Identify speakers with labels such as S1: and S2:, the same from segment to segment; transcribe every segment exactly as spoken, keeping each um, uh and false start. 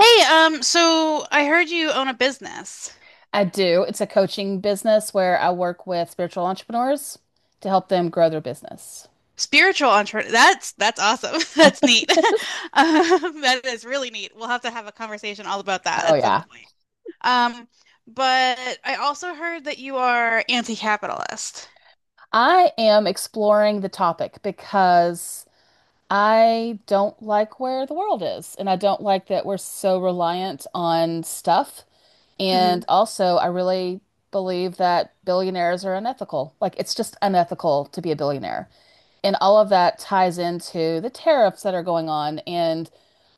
S1: Hey, um, so I heard you own a business.
S2: I do. It's a coaching business where I work with spiritual entrepreneurs to help them grow their business.
S1: Spiritual entrepreneur. That's that's awesome. That's neat. Um, that is really neat. We'll have to have a conversation all about that
S2: Oh,
S1: at some
S2: yeah.
S1: point. Um, but I also heard that you are anti-capitalist.
S2: I am exploring the topic because I don't like where the world is, and I don't like that we're so reliant on stuff.
S1: Hmm.
S2: And also, I really believe that billionaires are unethical. Like, it's just unethical to be a billionaire. And all of that ties into the tariffs that are going on and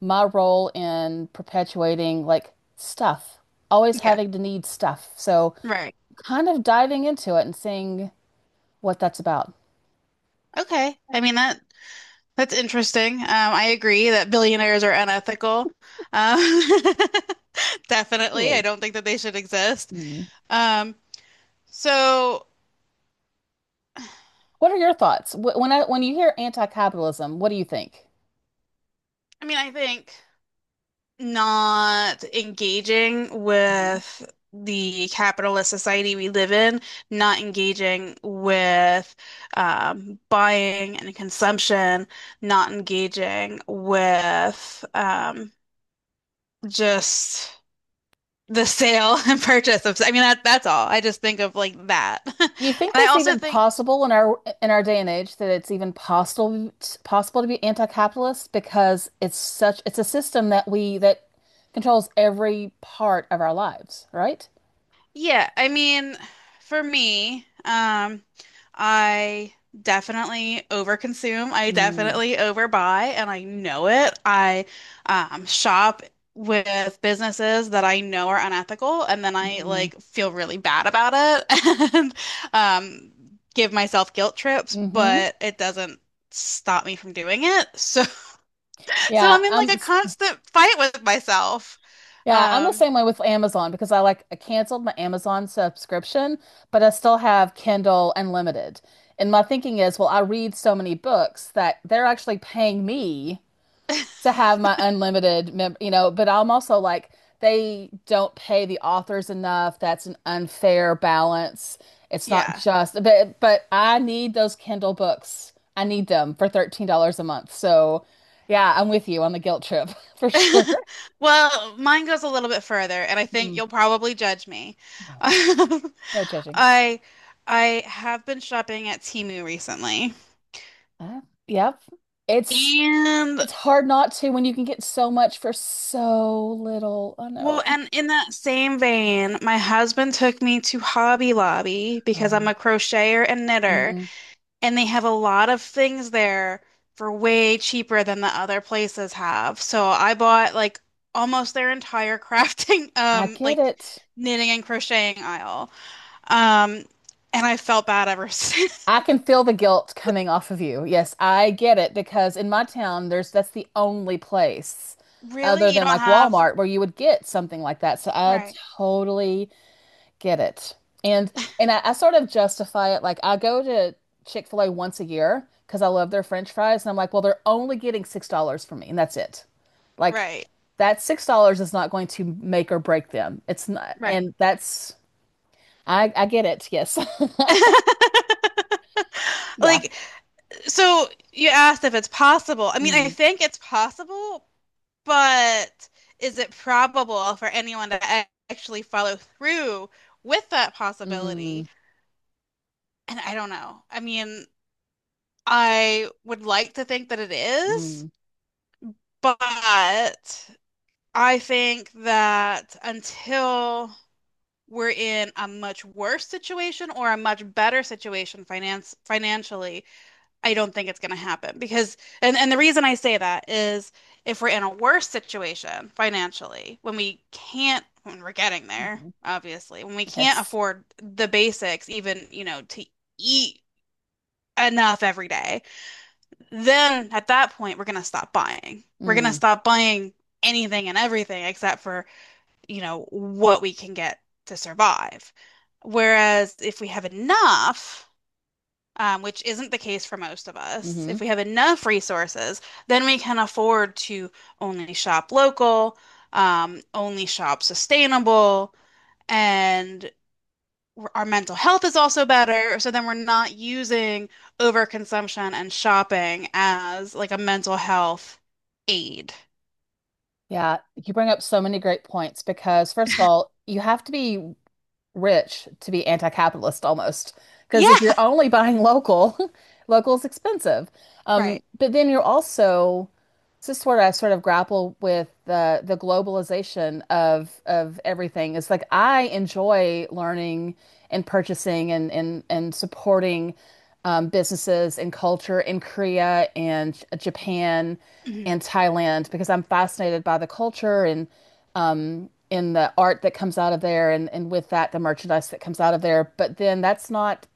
S2: my role in perpetuating like stuff, always
S1: Yeah,
S2: having to need stuff. So
S1: right.
S2: kind of diving into it and seeing what that's about.
S1: Okay. I mean that that's interesting. Um, I agree that billionaires are unethical. Um, definitely. I
S2: Really?
S1: don't think that they should exist.
S2: Mm.
S1: Um, so
S2: What are your thoughts? Wh- When I, when you hear anti-capitalism, what do you think?
S1: I mean, I think. Not engaging with the capitalist society we live in, not engaging with um, buying and consumption, not engaging with um, just the sale and purchase of, I mean, that that's all. I just think of like that.
S2: Do you think
S1: And I
S2: that's
S1: also
S2: even
S1: think,
S2: possible in our in our day and age that it's even possible possible to be anti-capitalist because it's such it's a system that we that controls every part of our lives, right?
S1: yeah, I mean, for me, um, I definitely overconsume. I
S2: Mm,
S1: definitely overbuy, and I know it. I um, shop with businesses that I know are unethical, and then I
S2: mm,
S1: like feel really bad about it and um, give myself guilt trips,
S2: mm-hmm.
S1: but it doesn't stop me from doing it. So, so
S2: Yeah,
S1: I'm in like
S2: I'm
S1: a constant fight with myself.
S2: yeah, I'm the
S1: Um,
S2: same way with Amazon because I like I canceled my Amazon subscription, but I still have Kindle Unlimited. And my thinking is, well, I read so many books that they're actually paying me to have my unlimited mem you know, but I'm also like they don't pay the authors enough. That's an unfair balance. It's not
S1: yeah.
S2: just, but but I need those Kindle books. I need them for thirteen dollars a month. So, yeah, I'm with you on the guilt trip for sure.
S1: Well, mine goes a little bit further, and I think
S2: Mm,
S1: you'll probably judge me.
S2: no, no judging.
S1: I I have been shopping at Temu recently.
S2: Uh, yep. It's
S1: And
S2: it's hard not to when you can get so much for so little. I
S1: well,
S2: know.
S1: and in that same vein, my husband took me to Hobby Lobby because I'm
S2: Oh.
S1: a crocheter and knitter,
S2: Mm,
S1: and they have a lot of things there for way cheaper than the other places have. So I bought like almost their entire crafting,
S2: I
S1: um,
S2: get
S1: like
S2: it.
S1: knitting and crocheting aisle. Um, and I felt bad ever since.
S2: I can feel the guilt coming off of you. Yes, I get it because in my town, there's that's the only place other
S1: Really? You
S2: than
S1: don't
S2: like
S1: have
S2: Walmart where you would get something like that. So I
S1: right.
S2: totally get it. And and I, I sort of justify it like I go to Chick-fil-A once a year because I love their French fries, and I'm like, well, they're only getting six dollars from me, and that's it. Like
S1: Right.
S2: that six dollars is not going to make or break them. It's not,
S1: Right.
S2: and that's I I get it. Yes, yeah.
S1: Like, so you asked if it's possible. I mean, I
S2: Mm,
S1: think it's possible, but is it probable for anyone to a- actually follow through with that
S2: mm,
S1: possibility? And I don't know. I mean, I would like to think that it is,
S2: mm.
S1: but I think that until we're in a much worse situation or a much better situation finance financially, I don't think it's going to happen because and and the reason I say that is if we're in a worse situation financially, when we can't when we're getting there,
S2: Hmm.
S1: obviously, when we can't
S2: Yes.
S1: afford the basics even, you know, to eat enough every day, then at that point we're going to stop buying. We're going to
S2: Mm,
S1: stop buying anything and everything except for, you know, what we can get to survive. Whereas if we have enough, um, which isn't the case for most of us, if
S2: hmm.
S1: we have enough resources, then we can afford to only shop local, um, only shop sustainable, and our mental health is also better. So then we're not using overconsumption and shopping as like a mental health aid.
S2: Yeah, you bring up so many great points because, first of all, you have to be rich to be anti-capitalist almost. Because
S1: Yeah,
S2: if you're only buying local, local is expensive. Um,
S1: right.
S2: but then you're also, This is sort of I sort of grapple with the the globalization of of everything. It's like I enjoy learning and purchasing and and and supporting um, businesses and culture in Korea and Japan
S1: Hmm.
S2: and Thailand because I'm fascinated by the culture and um, in the art that comes out of there and and with that the merchandise that comes out of there. But then that's not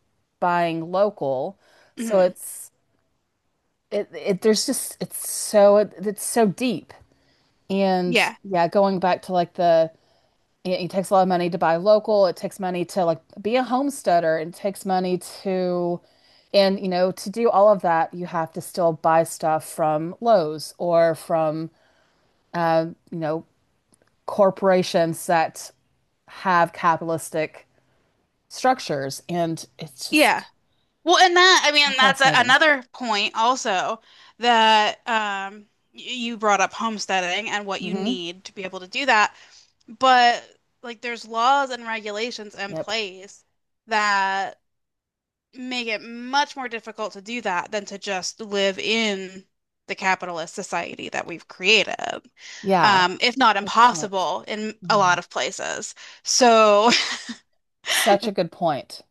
S2: buying local, so
S1: Hmm.
S2: it's it, it there's just it's so it's so deep, and
S1: Yeah.
S2: yeah, going back to like the it, takes a lot of money to buy local, it takes money to like be a homesteader, it takes money to, and you know to do all of that, you have to still buy stuff from Lowe's or from you know corporations that have capitalistic structures, and it's
S1: Yeah.
S2: just
S1: Well, and that, I
S2: so
S1: mean, that's a,
S2: fascinating.
S1: another point also that um, y- you brought up homesteading and what you
S2: Hmm.
S1: need to be able to do that. But like, there's laws and regulations in
S2: Yep.
S1: place that make it much more difficult to do that than to just live in the capitalist society that we've created,
S2: Yeah.
S1: um, if not
S2: Good point.
S1: impossible in a lot
S2: Mhm.
S1: of places. So,
S2: Such a good point.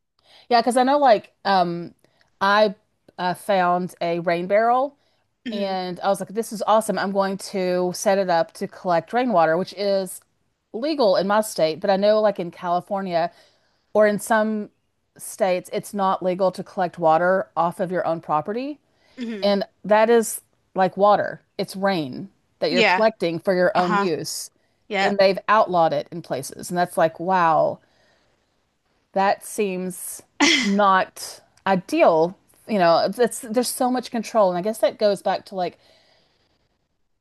S2: Yeah, because I know, like, um I uh, found a rain barrel
S1: mhm,
S2: and I was like, this is awesome. I'm going to set it up to collect rainwater, which is legal in my state, but I know like in California or in some states, it's not legal to collect water off of your own property.
S1: mhm,
S2: And that is like water. It's rain that you're
S1: yeah,
S2: collecting for your own
S1: uh-huh,
S2: use. And
S1: yep,
S2: they've outlawed it in places. And that's like, wow, that seems not ideal. You know, it's, there's so much control, and I guess that goes back to like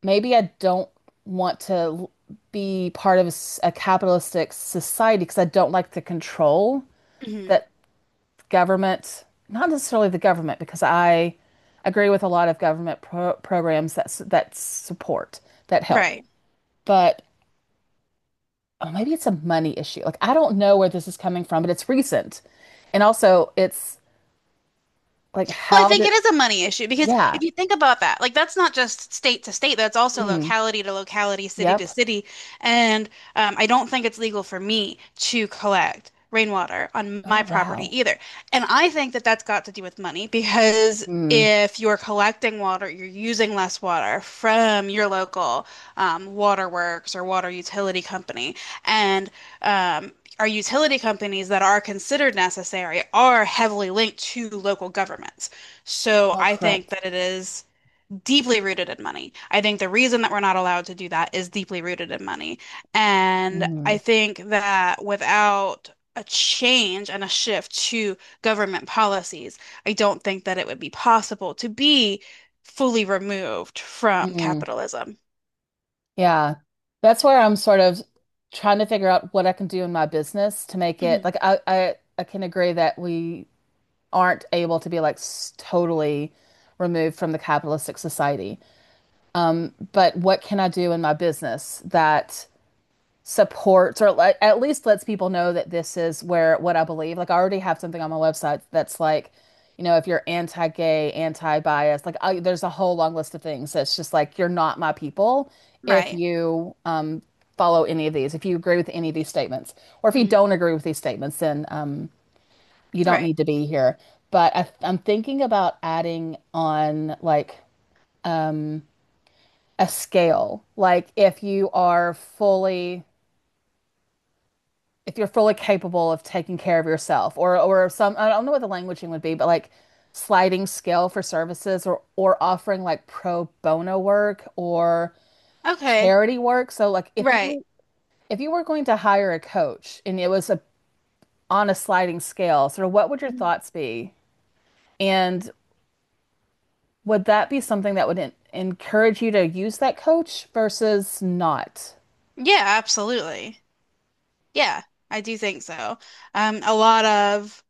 S2: maybe I don't want to be part of a capitalistic society because I don't like the control
S1: mhm,
S2: that government, not necessarily the government, because I agree with a lot of government pro programs that that support, that help,
S1: right.
S2: but oh, maybe it's a money issue. Like I don't know where this is coming from, but it's recent, and also it's like,
S1: Well, I
S2: how
S1: think
S2: do
S1: it is a money issue because
S2: Yeah.
S1: if you think about that, like that's not just state to state, that's also
S2: Mm.
S1: locality to locality, city to
S2: Yep.
S1: city. And um, I don't think it's legal for me to collect rainwater on
S2: Oh,
S1: my
S2: wow.
S1: property either. And I think that that's got to do with money because
S2: Mm.
S1: if you're collecting water, you're using less water from your local um, waterworks or water utility company. And, um, our utility companies that are considered necessary are heavily linked to local governments. So
S2: Oh,
S1: I think
S2: correct.
S1: that it is deeply rooted in money. I think the reason that we're not allowed to do that is deeply rooted in money. And I
S2: Mm.
S1: think that without a change and a shift to government policies, I don't think that it would be possible to be fully removed from
S2: Mm.
S1: capitalism.
S2: Yeah. That's where I'm sort of trying to figure out what I can do in my business to make it
S1: Mhm.
S2: like I I, I can agree that we aren't able to be like s- totally removed from the capitalistic society. Um, but what can I do in my business that supports or le- at least lets people know that this is where, what I believe. Like I already have something on my website that's like, you know, if you're anti-gay, anti-bias, like I, there's a whole long list of things that's just like you're not my people if
S1: Right.
S2: you um, follow any of these, if you agree with any of these statements, or if you
S1: Mhm.
S2: don't agree with these statements, then um, you don't
S1: Right.
S2: need to be here. But I, I'm thinking about adding on like a scale, like if you are fully if you're fully capable of taking care of yourself or or some, I don't know what the languaging would be, but like sliding scale for services or or offering like pro bono work or
S1: Okay.
S2: charity work. So like if
S1: Right.
S2: you if you were going to hire a coach and it was a on a sliding scale, sort of, what would your
S1: Mhm.
S2: thoughts be? And would that be something that would en encourage you to use that coach versus not?
S1: Yeah, absolutely. Yeah, I do think so. Um, a lot of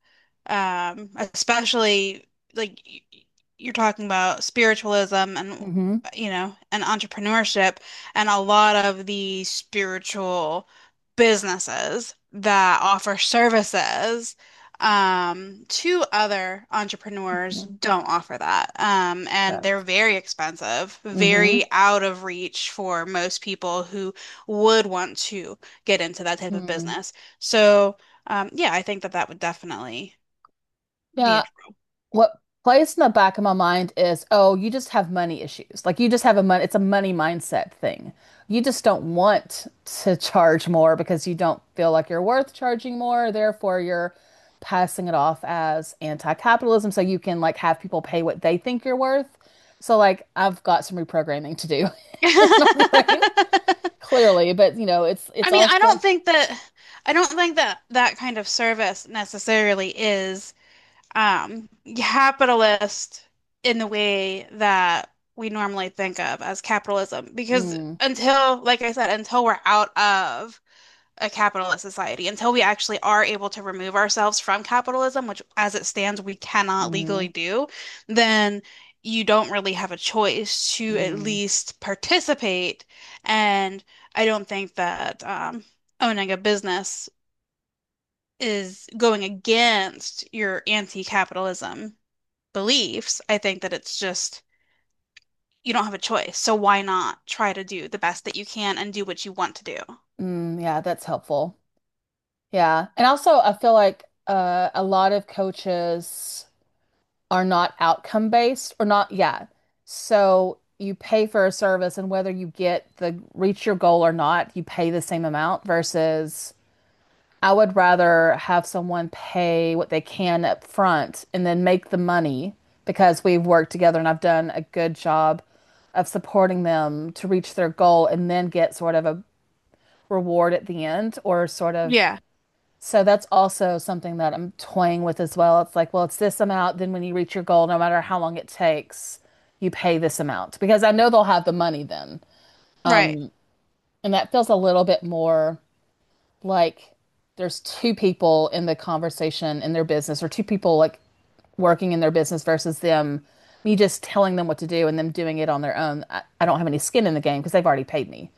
S1: um, especially like y- y- you're talking about spiritualism and
S2: Mm-hmm.
S1: you know and entrepreneurship and a lot of the spiritual businesses that offer services, um, to other entrepreneurs don't offer that, um, and they're
S2: Correct.
S1: very expensive,
S2: Mm-hmm.
S1: very out of reach for most people who would want to get into that type of
S2: Mm-hmm.
S1: business, so um, yeah, I think that that would definitely be
S2: Yeah,
S1: interesting.
S2: what plays in the back of my mind is, oh, you just have money issues. Like you just have a money, it's a money mindset thing. You just don't want to charge more because you don't feel like you're worth charging more. Therefore, you're passing it off as anti-capitalism so you can like have people pay what they think you're worth. So like I've got some reprogramming to do in my brain, clearly, but you know, it's
S1: I
S2: it's
S1: mean, I
S2: also
S1: don't think that I don't think that that kind of service necessarily is um capitalist in the way that we normally think of as capitalism because
S2: mm,
S1: until like I said, until we're out of a capitalist society, until we actually are able to remove ourselves from capitalism, which as it stands, we cannot
S2: mm,
S1: legally do, then you don't really have a choice to at
S2: mm,
S1: least participate. And I don't think that um, owning a business is going against your anti-capitalism beliefs. I think that it's just you don't have a choice. So why not try to do the best that you can and do what you want to do?
S2: mm, yeah, that's helpful. Yeah. And also, I feel like uh, a lot of coaches are not outcome based or not, yeah. So you pay for a service, and whether you get the reach your goal or not, you pay the same amount versus I would rather have someone pay what they can up front and then make the money because we've worked together and I've done a good job of supporting them to reach their goal and then get sort of a reward at the end, or sort of,
S1: Yeah,
S2: so that's also something that I'm toying with as well. It's like, well, it's this amount. Then when you reach your goal, no matter how long it takes, you pay this amount because I know they'll have the money then.
S1: right.
S2: And that feels a little bit more like there's two people in the conversation in their business, or two people like working in their business versus them, me just telling them what to do and them doing it on their own. I, I don't have any skin in the game because they've already paid me.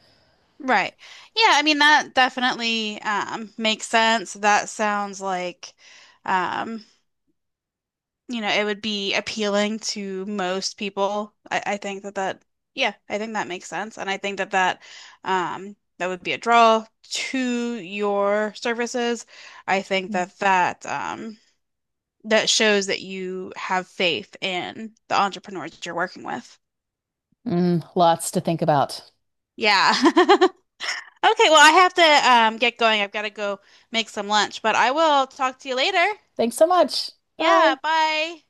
S1: Right. Yeah, I mean that definitely um makes sense. That sounds like um you know, it would be appealing to most people. I, I think that that yeah, I think that makes sense, and I think that that um that would be a draw to your services. I think that that um that shows that you have faith in the entrepreneurs you're working with.
S2: Mm, lots to think about.
S1: Yeah. Okay, well, I have to um, get going. I've got to go make some lunch, but I will talk to you later.
S2: Thanks so much. Bye.
S1: Yeah, bye.